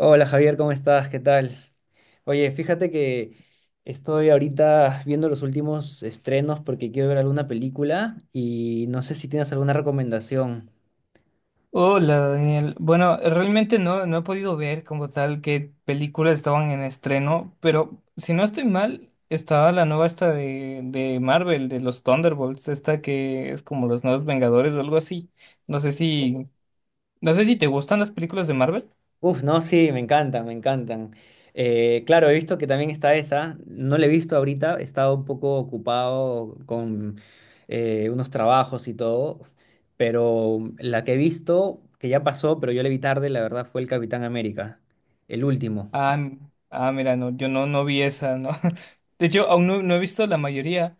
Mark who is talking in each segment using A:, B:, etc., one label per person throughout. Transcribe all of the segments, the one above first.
A: Hola Javier, ¿cómo estás? ¿Qué tal? Oye, fíjate que estoy ahorita viendo los últimos estrenos porque quiero ver alguna película y no sé si tienes alguna recomendación.
B: Hola, Daniel. Bueno, realmente no he podido ver como tal qué películas estaban en estreno, pero si no estoy mal, estaba la nueva esta de Marvel, de los Thunderbolts, esta que es como los nuevos Vengadores o algo así. No sé si, no sé si te gustan las películas de Marvel.
A: Uf, no, sí, me encantan, me encantan. Claro, he visto que también está esa, no la he visto ahorita, he estado un poco ocupado con unos trabajos y todo, pero la que he visto, que ya pasó, pero yo la vi tarde, la verdad fue el Capitán América, el último.
B: Ah, m- Mira, no, yo no, no vi esa, ¿no? De hecho, aún no, no he visto la mayoría.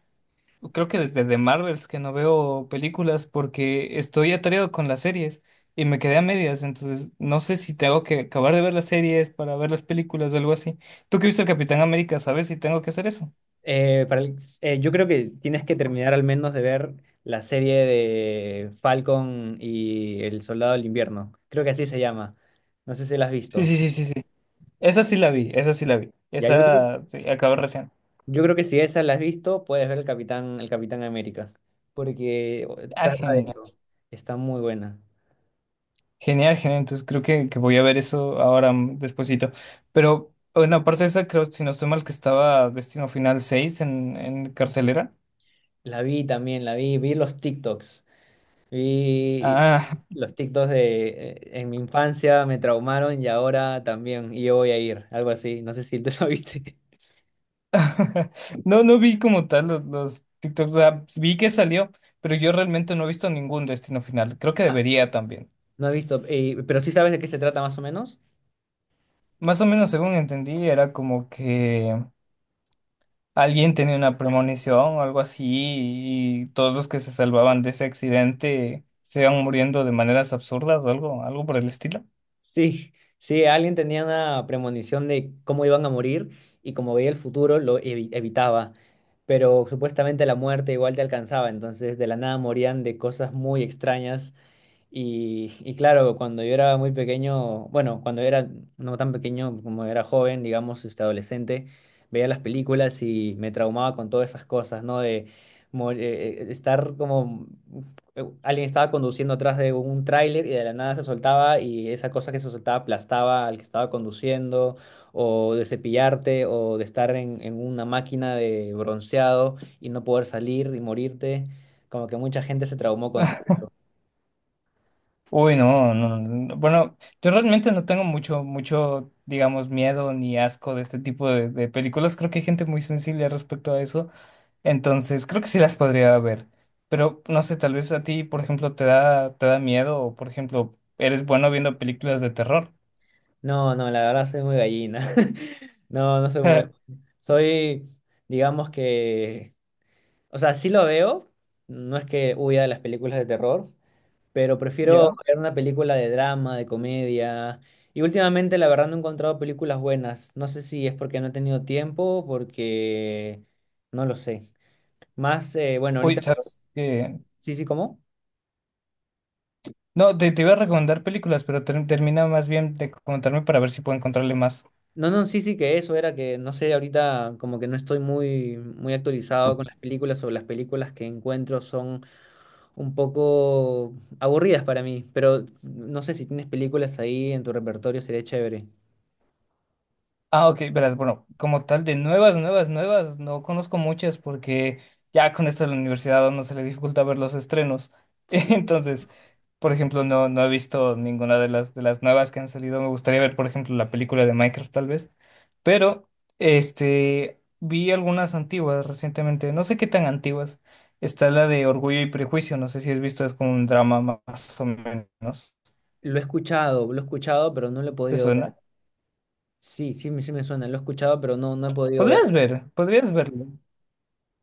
B: Creo que desde The Marvels que no veo películas porque estoy atareado con las series y me quedé a medias, entonces no sé si tengo que acabar de ver las series para ver las películas o algo así. Tú que viste el Capitán América, ¿sabes si tengo que hacer eso?
A: Eh, para el- yo creo que tienes que terminar al menos de ver la serie de Falcon y el Soldado del Invierno. Creo que así se llama. No sé si la has
B: Sí,
A: visto.
B: sí, sí, sí, sí. Esa sí la vi.
A: Ya,
B: Esa sí, acabé recién.
A: yo creo que si esa la has visto, puedes ver el Capitán América. Porque
B: Ah,
A: trata de
B: genial.
A: eso. Está muy buena.
B: Genial, genial. Entonces creo que voy a ver eso ahora, despuesito. Pero, bueno, aparte de esa, creo, si no estoy mal, que estaba Destino Final 6 en cartelera.
A: La vi también, la vi, vi los TikToks. Vi
B: Ah,
A: los TikToks de en mi infancia me traumaron y ahora también. Y yo voy a ir, algo así. No sé si tú lo viste.
B: no, no vi como tal los TikToks, o sea, vi que salió, pero yo realmente no he visto ningún destino final. Creo que debería también.
A: No he visto, pero sí sabes de qué se trata más o menos.
B: Más o menos según entendí, era como que alguien tenía una premonición o algo así y todos los que se salvaban de ese accidente se iban muriendo de maneras absurdas o algo, algo por el estilo.
A: Sí, sí, alguien tenía una premonición de cómo iban a morir y como veía el futuro lo evitaba, pero supuestamente la muerte igual te alcanzaba, entonces de la nada morían de cosas muy extrañas. Y claro, cuando yo era muy pequeño, bueno, cuando era no tan pequeño como era joven, digamos, este adolescente, veía las películas y me traumaba con todas esas cosas, ¿no? De estar como alguien estaba conduciendo atrás de un tráiler y de la nada se soltaba y esa cosa que se soltaba aplastaba al que estaba conduciendo, o de cepillarte, o de estar en una máquina de bronceado y no poder salir y morirte. Como que mucha gente se traumó con...
B: Uy, no, no, no, bueno, yo realmente no tengo mucho, digamos, miedo ni asco de este tipo de películas. Creo que hay gente muy sensible respecto a eso. Entonces, creo que sí las podría ver. Pero no sé, tal vez a ti, por ejemplo, te da miedo o, por ejemplo, eres bueno viendo películas de terror.
A: No, no, la verdad soy muy gallina. No, no soy muy... Soy, digamos que... O sea, sí lo veo. No es que huya de las películas de terror, pero prefiero
B: ¿Ya?
A: ver una película de drama, de comedia. Y últimamente, la verdad, no he encontrado películas buenas. No sé si es porque no he tenido tiempo, porque... No lo sé. Más, bueno,
B: Uy,
A: ahorita...
B: ¿sabes qué?
A: Sí, sí, ¿cómo?
B: No, te iba a recomendar películas, pero termina más bien de contarme para ver si puedo encontrarle más.
A: No, no, sí, sí, que eso era que, no sé, ahorita como que no estoy muy, muy actualizado con las películas o las películas que encuentro son un poco aburridas para mí, pero no sé si tienes películas ahí en tu repertorio, sería chévere.
B: Ah, ok, verás, bueno, como tal, de nuevas, no conozco muchas porque ya con esto de la universidad a uno se le dificulta ver los estrenos.
A: Sí,
B: Entonces, por ejemplo, no he visto ninguna de de las nuevas que han salido. Me gustaría ver, por ejemplo, la película de Minecraft, tal vez. Pero, este, vi algunas antiguas recientemente, no sé qué tan antiguas. Está la de Orgullo y Prejuicio, no sé si has visto, es como un drama más o menos.
A: lo he escuchado, pero no lo he
B: ¿Te
A: podido ver.
B: suena?
A: Sí, sí, sí me suena, lo he escuchado, pero no, no he podido ver.
B: Podrías verlo.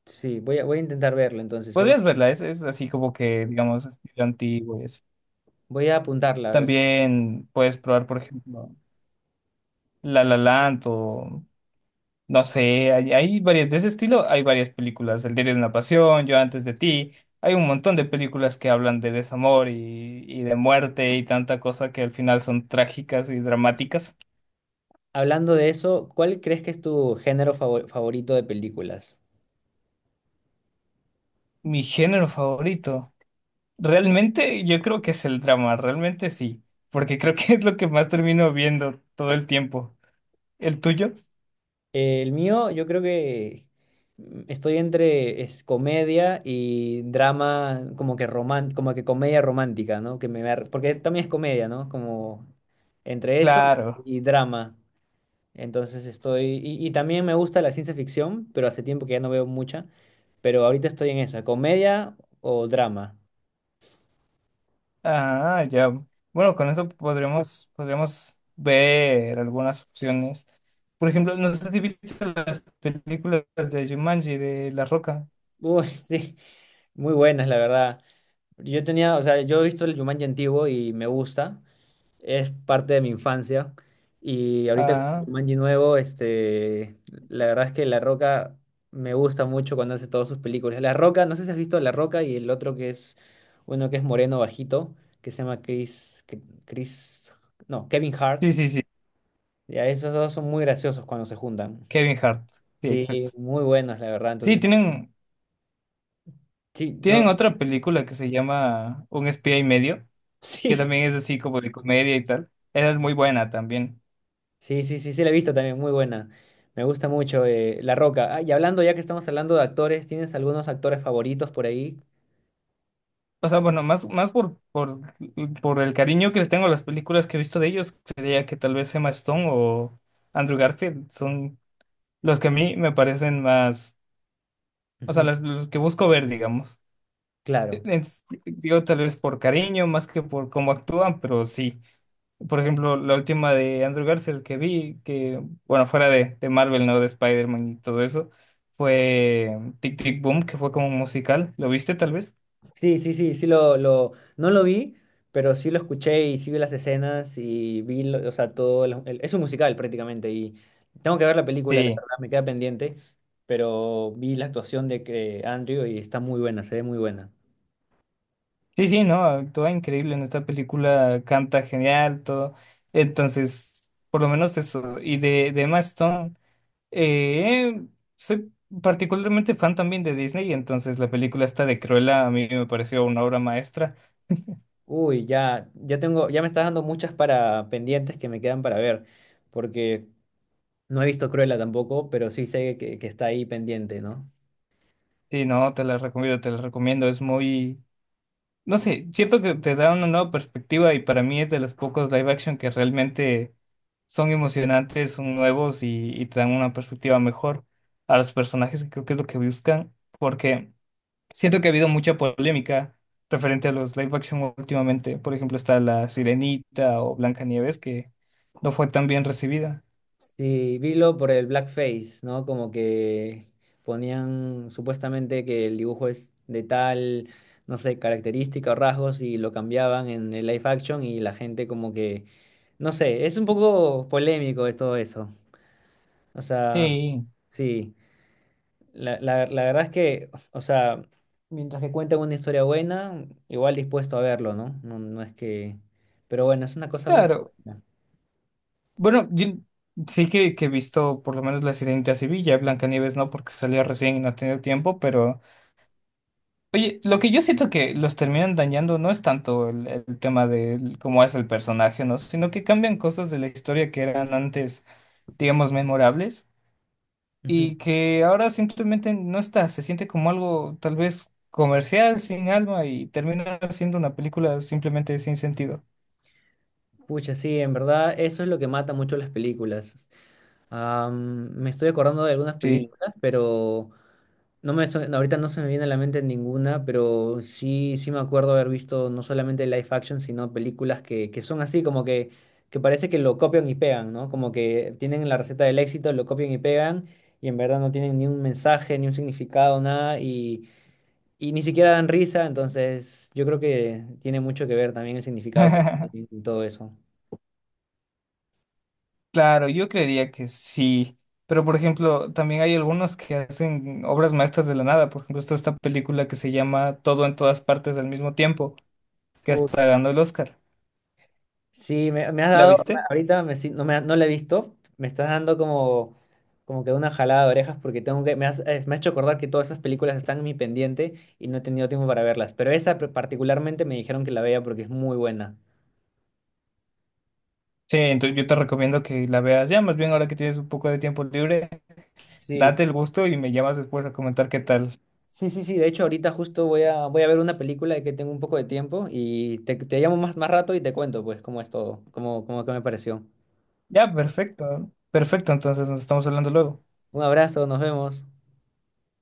A: Sí, voy a intentar verlo entonces,
B: Podrías verla, es así como que, digamos, estilo antiguo y así.
A: voy a apuntarla, a ver.
B: También puedes probar, por ejemplo, La La Land o, no sé, hay varias de ese estilo, hay varias películas, El diario de una pasión, Yo antes de ti, hay un montón de películas que hablan de desamor y de muerte y tanta cosa que al final son trágicas y dramáticas.
A: Hablando de eso, ¿cuál crees que es tu género favorito de películas?
B: Mi género favorito, realmente yo creo que es el drama, realmente sí, porque creo que es lo que más termino viendo todo el tiempo. ¿El tuyo?
A: El mío, yo creo que estoy entre es comedia y drama, como que como que comedia romántica, ¿no? Que me porque también es comedia, ¿no? Como entre eso
B: Claro.
A: y drama. Entonces estoy, y también me gusta la ciencia ficción, pero hace tiempo que ya no veo mucha, pero ahorita estoy en esa, comedia o drama.
B: Ah, ya. Bueno, con eso podríamos ver algunas opciones. Por ejemplo, no sé si viste las películas de Jumanji, de La Roca.
A: Uy, sí, muy buenas, la verdad. Yo tenía, o sea, yo he visto el Jumanji antiguo y me gusta. Es parte de mi infancia. Y ahorita con el
B: Ah,
A: Jumanji nuevo, este, la verdad es que La Roca me gusta mucho cuando hace todas sus películas. La Roca, no sé si has visto La Roca y el otro que es uno que es moreno bajito, que se llama Chris, Chris, no, Kevin Hart.
B: sí, sí, sí.
A: Ya, esos dos son muy graciosos cuando se juntan.
B: Kevin Hart. Sí,
A: Sí,
B: exacto.
A: muy buenos, la verdad.
B: Sí,
A: Entonces,
B: tienen,
A: sí, no,
B: tienen otra película que se llama Un espía y medio, que
A: sí.
B: también es así como de comedia y tal. Esa es muy buena también.
A: Sí, sí, sí, sí, la he visto también, muy buena. Me gusta mucho La Roca. Ah, y hablando, ya que estamos hablando de actores, ¿tienes algunos actores favoritos por ahí?
B: O sea, bueno, por el cariño que les tengo a las películas que he visto de ellos, creía que tal vez Emma Stone o Andrew Garfield son los que a mí me parecen más, o sea,
A: Ujú.
B: los que busco ver, digamos.
A: Claro.
B: En- Digo, tal vez por cariño, más que por cómo actúan, pero sí. Por ejemplo, la última de Andrew Garfield que vi, que, bueno, fuera de Marvel, ¿no? De Spider-Man y todo eso, fue Tic Tic Boom, que fue como un musical. ¿Lo viste tal vez?
A: Sí, sí, sí, sí lo, no lo vi, pero sí lo escuché y sí vi las escenas y vi, o sea, todo, es un musical prácticamente y tengo que ver la película, la
B: Sí.
A: verdad, me queda pendiente, pero vi la actuación de que Andrew y está muy buena, se ve muy buena.
B: Sí, sí, ¿no? Actúa increíble en esta película, canta genial, todo. Entonces, por lo menos eso. Y de Emma Stone. Eh, Soy particularmente fan también de Disney, entonces la película esta de Cruella a mí me pareció una obra maestra.
A: Uy, ya, ya tengo, ya me estás dando muchas para pendientes que me quedan para ver. Porque no he visto Cruella tampoco, pero sí sé que está ahí pendiente, ¿no?
B: Sí, no, te la recomiendo. Es muy, no sé, cierto que te da una nueva perspectiva y para mí es de los pocos live action que realmente son emocionantes, son nuevos y te dan una perspectiva mejor a los personajes, que creo que es lo que buscan, porque siento que ha habido mucha polémica referente a los live action últimamente. Por ejemplo, está La Sirenita o Blancanieves, que no fue tan bien recibida.
A: Sí, vilo por el blackface, ¿no? Como que ponían supuestamente que el dibujo es de tal, no sé, característica o rasgos y lo cambiaban en el live action y la gente como que, no sé, es un poco polémico es todo eso. O sea,
B: Sí,
A: sí, la verdad es que, o sea, mientras que cuentan una historia buena, igual dispuesto a verlo, ¿no? No, no es que, pero bueno, es una cosa muy...
B: claro. Bueno, yo sí que he visto por lo menos La Sirenita Sevilla, Blancanieves no, porque salió recién y no ha tenido tiempo, pero oye, lo que yo siento que los terminan dañando no es tanto el tema de cómo es el personaje, ¿no? Sino que cambian cosas de la historia que eran antes, digamos, memorables
A: Ujú.
B: y que ahora simplemente no está, se siente como algo tal vez comercial, sin alma, y termina siendo una película simplemente sin sentido.
A: Pucha, sí, en verdad eso es lo que mata mucho las películas. Am, me estoy acordando de algunas
B: Sí.
A: películas, pero no me, ahorita no se me viene a la mente ninguna, pero sí, sí me acuerdo haber visto no solamente live action, sino películas que son así, como que parece que lo copian y pegan, ¿no? Como que tienen la receta del éxito, lo copian y pegan, y en verdad no tienen ni un mensaje, ni un significado, nada, y ni siquiera dan risa, entonces yo creo que tiene mucho que ver también el significado que tiene todo eso.
B: Claro, yo creería que sí, pero por ejemplo, también hay algunos que hacen obras maestras de la nada, por ejemplo, está esta película que se llama Todo en todas partes al mismo tiempo, que hasta ganó el Oscar.
A: Sí, me has
B: ¿La
A: dado,
B: viste?
A: ahorita me si- no, no la he visto, me estás dando como, como que una jalada de orejas porque tengo que, me has hecho acordar que todas esas películas están en mi pendiente y no he tenido tiempo para verlas, pero esa particularmente me dijeron que la vea porque es muy buena.
B: Sí, entonces yo te recomiendo que la veas ya, más bien ahora que tienes un poco de tiempo libre,
A: Sí,
B: date el gusto y me llamas después a comentar qué tal.
A: sí, sí, sí, de hecho ahorita justo voy a, voy a ver una película de que tengo un poco de tiempo y te llamo más, más rato y te cuento pues cómo es todo, cómo, cómo que me pareció.
B: Ya, perfecto. Perfecto, entonces nos estamos hablando luego.
A: Un abrazo, nos vemos.